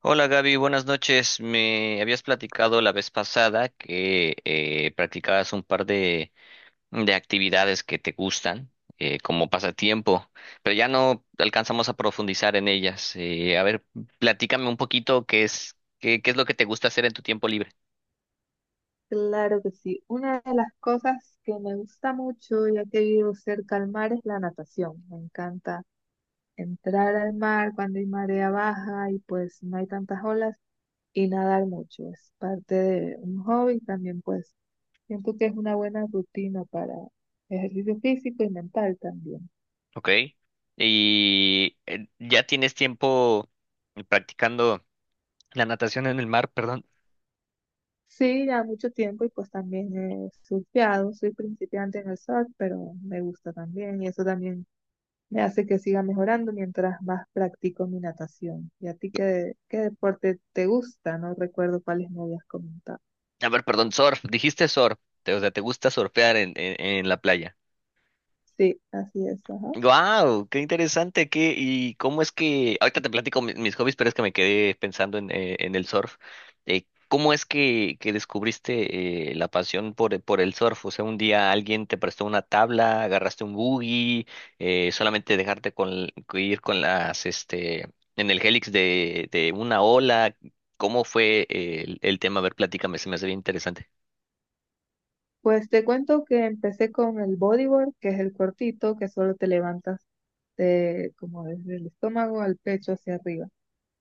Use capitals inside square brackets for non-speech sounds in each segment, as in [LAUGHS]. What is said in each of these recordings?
Hola Gaby, buenas noches. Me habías platicado la vez pasada que practicabas un par de actividades que te gustan como pasatiempo, pero ya no alcanzamos a profundizar en ellas. A ver, platícame un poquito qué es lo que te gusta hacer en tu tiempo libre. Claro que sí. Una de las cosas que me gusta mucho, ya que vivo cerca al mar, es la natación. Me encanta entrar al mar cuando hay marea baja y pues no hay tantas olas y nadar mucho. Es parte de un hobby también, pues siento que es una buena rutina para ejercicio físico y mental también. Ok. Y ya tienes tiempo practicando la natación en el mar, perdón. Sí, ya mucho tiempo y pues también he surfeado. Soy principiante en el surf, pero me gusta también y eso también me hace que siga mejorando mientras más practico mi natación. ¿Y a ti qué, qué deporte te gusta? No recuerdo cuáles me habías comentado. A ver, perdón, surf. Dijiste surf. O sea, te gusta surfear en en la playa. Sí, así es, ajá. Wow, qué interesante. Qué, y cómo es que, ahorita te platico mis hobbies, pero es que me quedé pensando en el surf. ¿Cómo es que descubriste la pasión por el surf? O sea, un día alguien te prestó una tabla, agarraste un buggy, solamente dejarte con, ir con las, en el helix de una ola. ¿Cómo fue el tema? A ver, platícame, se me hace bien interesante. Pues te cuento que empecé con el bodyboard, que es el cortito, que solo te levantas como desde el estómago al pecho hacia arriba.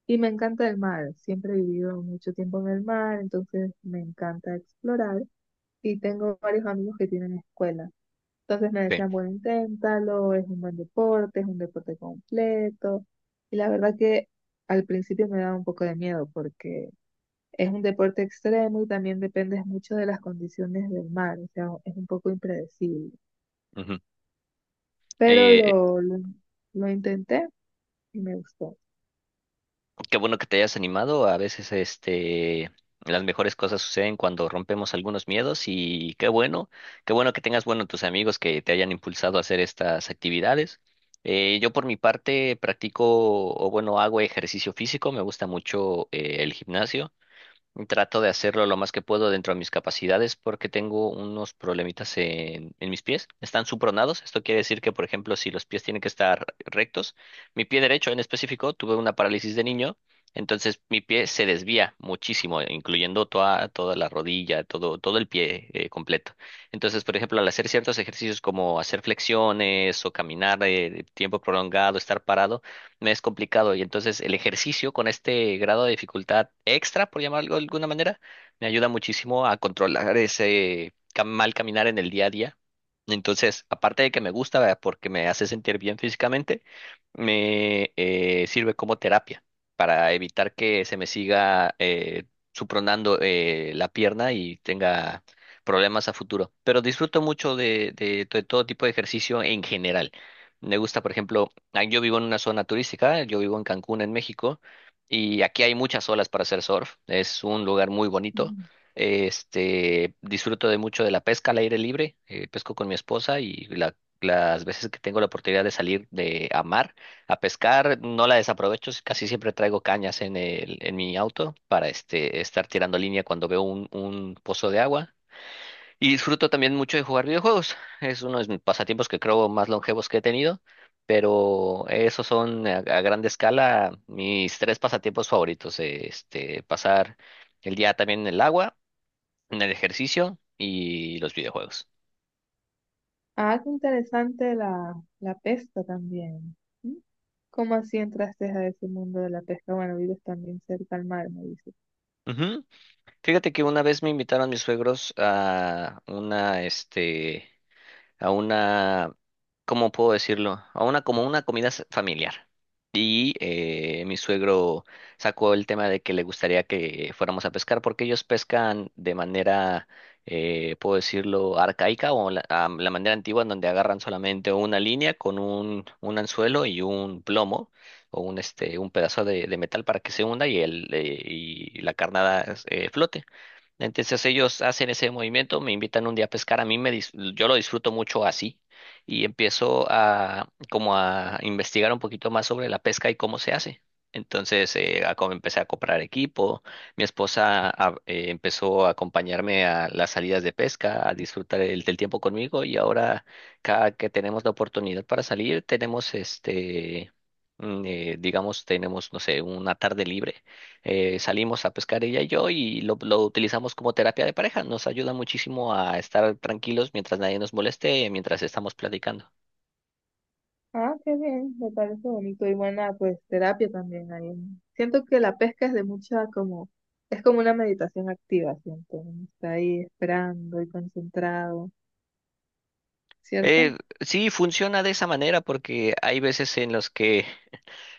Y me encanta el mar, siempre he vivido mucho tiempo en el mar, entonces me encanta explorar y tengo varios amigos que tienen escuelas. Entonces me Sí. decían, bueno, inténtalo, es un buen deporte, es un deporte completo. Y la verdad que al principio me daba un poco de miedo porque es un deporte extremo y también depende mucho de las condiciones del mar, o sea, es un poco impredecible. Ujú. Pero Eh, lo intenté y me gustó. Qué bueno que te hayas animado. A veces, las mejores cosas suceden cuando rompemos algunos miedos y qué bueno que tengas, bueno, tus amigos que te hayan impulsado a hacer estas actividades. Yo por mi parte practico o bueno, hago ejercicio físico. Me gusta mucho el gimnasio. Trato de hacerlo lo más que puedo dentro de mis capacidades porque tengo unos problemitas en mis pies. Están supronados. Esto quiere decir que, por ejemplo, si los pies tienen que estar rectos, mi pie derecho en específico, tuve una parálisis de niño, entonces mi pie se desvía muchísimo, incluyendo toda, toda la rodilla, todo, todo el pie completo. Entonces, por ejemplo, al hacer ciertos ejercicios como hacer flexiones o caminar tiempo prolongado, estar parado, me es complicado. Y entonces el ejercicio con este grado de dificultad extra, por llamarlo de alguna manera, me ayuda muchísimo a controlar ese mal caminar en el día a día. Entonces, aparte de que me gusta, ¿verdad? Porque me hace sentir bien físicamente, me sirve como terapia para evitar que se me siga supronando la pierna y tenga problemas a futuro. Pero disfruto mucho de todo tipo de ejercicio en general. Me gusta, por ejemplo, ah, yo vivo en una zona turística, yo vivo en Cancún, en México, y aquí hay muchas olas para hacer surf. Es un lugar muy bonito. Mm. Este, disfruto de mucho de la pesca al aire libre. Pesco con mi esposa y las veces que tengo la oportunidad de salir de a mar a pescar, no la desaprovecho. Casi siempre traigo cañas en en mi auto para este, estar tirando línea cuando veo un pozo de agua. Y disfruto también mucho de jugar videojuegos. Es uno de mis pasatiempos que creo más longevos que he tenido, pero esos son a grande escala mis tres pasatiempos favoritos. Pasar el día también en el agua, en el ejercicio y los videojuegos. Ah, qué interesante la pesca también. Mm. ¿Cómo así entraste a ese mundo de la pesca? Bueno, vives también cerca al mar, me dices. Ujú. Fíjate que una vez me invitaron mis suegros a una, este, a una, ¿cómo puedo decirlo? A una como una comida familiar. Y mi suegro sacó el tema de que le gustaría que fuéramos a pescar porque ellos pescan de manera, puedo decirlo, arcaica o a la manera antigua en donde agarran solamente una línea con un anzuelo y un plomo o un, este, un pedazo de metal para que se hunda y la carnada flote. Entonces ellos hacen ese movimiento, me invitan un día a pescar, a mí yo lo disfruto mucho así y empiezo a como a investigar un poquito más sobre la pesca y cómo se hace. Entonces empecé a comprar equipo, mi esposa empezó a acompañarme a las salidas de pesca, a disfrutar del tiempo conmigo y ahora cada que tenemos la oportunidad para salir, tenemos este, digamos, tenemos, no sé, una tarde libre, salimos a pescar ella y yo y lo utilizamos como terapia de pareja. Nos ayuda muchísimo a estar tranquilos mientras nadie nos moleste, mientras estamos platicando. Ah, qué bien, me parece bonito y buena pues terapia también ahí. Siento que la pesca es de es como una meditación activa, siento. Uno está ahí esperando y concentrado, ¿cierto? Sí, funciona de esa manera porque hay veces en los que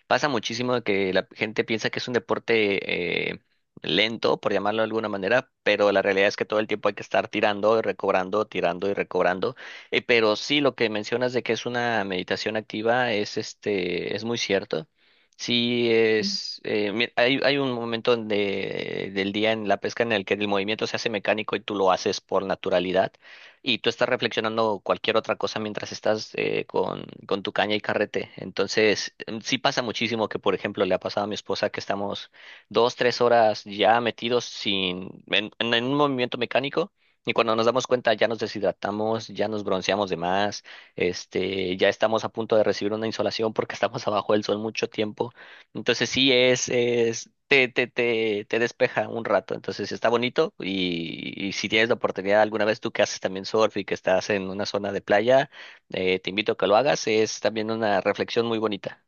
pasa muchísimo de que la gente piensa que es un deporte lento, por llamarlo de alguna manera, pero la realidad es que todo el tiempo hay que estar tirando y recobrando, tirando y recobrando. Pero sí, lo que mencionas de que es una meditación activa es este, es muy cierto. Sí, Mm, hay, hay un momento del día en la pesca en el que el movimiento se hace mecánico y tú lo haces por naturalidad y tú estás reflexionando cualquier otra cosa mientras estás con tu caña y carrete. Entonces, sí pasa muchísimo que, por ejemplo, le ha pasado a mi esposa que estamos dos, tres horas ya metidos sin, en un movimiento mecánico. Y cuando nos damos cuenta ya nos deshidratamos, ya nos bronceamos de más, este, ya estamos a punto de recibir una insolación porque [LAUGHS] estamos abajo del sol mucho tiempo. Entonces sí es te despeja un rato. Entonces está bonito y si tienes la oportunidad alguna vez tú que haces también surf y que estás en una zona de playa, te invito a que lo hagas. Es también una reflexión muy bonita.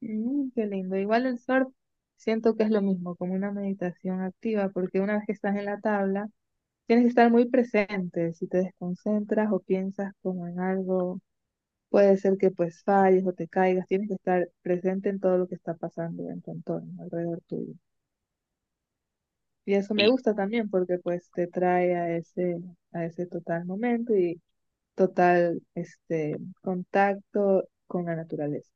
qué lindo. Igual el surf, siento que es lo mismo, como una meditación activa, porque una vez que estás en la tabla, tienes que estar muy presente. Si te desconcentras o piensas como en algo, puede ser que pues falles o te caigas, tienes que estar presente en todo lo que está pasando en tu entorno, alrededor tuyo. Y eso me Y, gusta también porque pues te trae a a ese total momento y total este contacto con la naturaleza.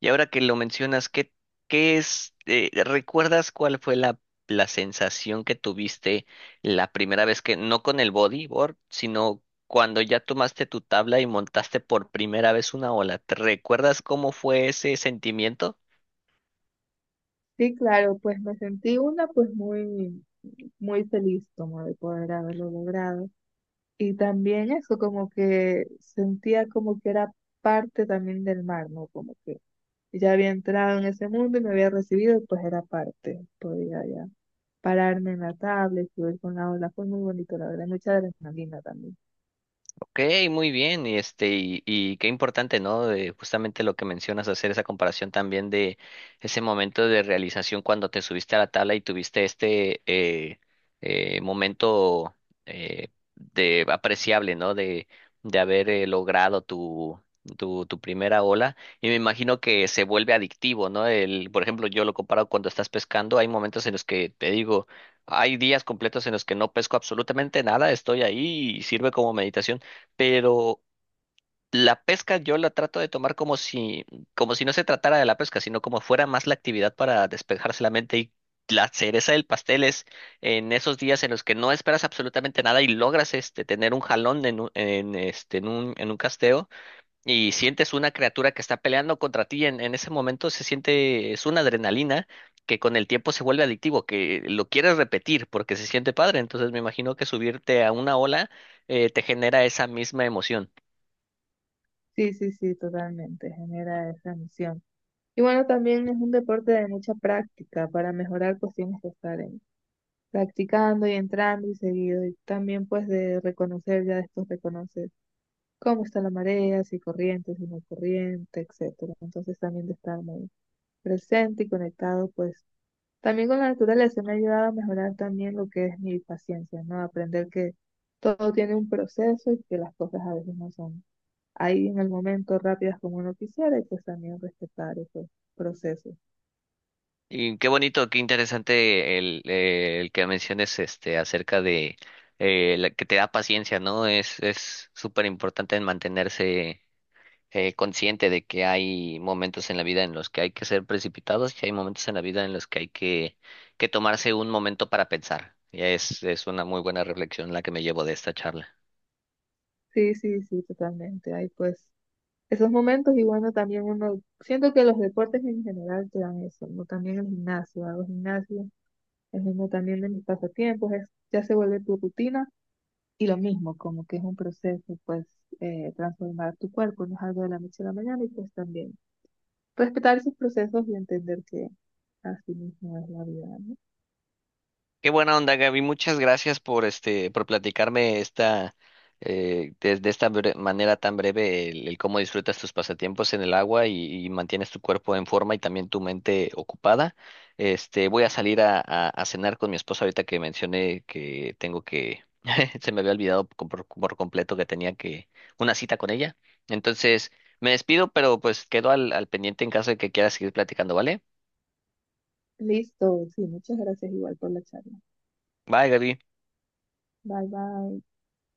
y ahora que lo mencionas, ¿recuerdas cuál fue la sensación que tuviste la primera vez que, no con el bodyboard, sino cuando ya tomaste tu tabla y montaste por primera vez una ola? ¿Te recuerdas cómo fue ese sentimiento? Sí, claro, pues me sentí una muy feliz como de poder haberlo logrado. Y también eso, como que sentía como que era parte también del mar, ¿no? Como que ya había entrado en ese mundo y me había recibido, pues era parte. Podía ya pararme en la tabla y subir con la ola. Fue muy bonito, la verdad, mucha adrenalina también. Ok, muy bien, y este, y qué importante, ¿no? De justamente lo que mencionas, hacer esa comparación también de ese momento de realización cuando te subiste a la tabla y tuviste este momento eh, de apreciable, ¿no? De haber logrado tu primera ola. Y me imagino que se vuelve adictivo, ¿no? El, por ejemplo, yo lo comparo cuando estás pescando, hay momentos en los que te digo, hay días completos en los que no pesco absolutamente nada, estoy ahí y sirve como meditación, pero la pesca yo la trato de tomar como si no se tratara de la pesca, sino como fuera más la actividad para despejarse la mente y la cereza del pastel es en esos días en los que no esperas absolutamente nada y logras este tener un jalón en un casteo y sientes una criatura que está peleando contra ti en ese momento se siente es una adrenalina que con el tiempo se vuelve adictivo, que lo quieres repetir porque se siente padre, entonces me imagino que subirte a una ola te genera esa misma emoción. Sí, sí, sí, totalmente, genera esa misión. Y bueno, también es un deporte de mucha práctica para mejorar, pues tienes que practicando y entrando y seguido. Y también pues de reconocer, ya después reconoces cómo está la marea, si corriente, si no hay corriente, etcétera. Entonces también de estar muy presente y conectado, pues también con la naturaleza me ha ayudado a mejorar también lo que es mi paciencia, ¿no? Aprender que todo tiene un proceso y que las cosas a veces no son ahí en el momento rápidas como uno quisiera y pues también respetar esos procesos. Y qué bonito, qué interesante el que menciones este acerca de la que te da paciencia, ¿no? Es súper importante mantenerse consciente de que hay momentos en la vida en los que hay que ser precipitados y hay momentos en la vida en los que hay que tomarse un momento para pensar. Y es una muy buena reflexión la que me llevo de esta charla. Sí, sí, sí, totalmente. Hay pues esos momentos y bueno, también uno, siento que los deportes en general te dan eso, ¿no? También el gimnasio, hago gimnasio, es uno también de mis pasatiempos, es, ya se vuelve tu rutina y lo mismo, como que es un proceso, pues transformar tu cuerpo, no es algo de la noche a la mañana y pues también respetar esos procesos y entender que así mismo es la vida, ¿no? Qué buena onda, Gaby. Muchas gracias por este, por platicarme esta, de esta manera tan breve el cómo disfrutas tus pasatiempos en el agua y mantienes tu cuerpo en forma y también tu mente ocupada. Este, voy a salir a cenar con mi esposa ahorita que mencioné que tengo que, [LAUGHS] se me había olvidado por completo que tenía que una cita con ella. Entonces, me despido, pero pues quedo al pendiente en caso de que quieras seguir platicando, ¿vale? Listo, sí, muchas gracias igual por la charla. Bye, Gaby. Bye bye.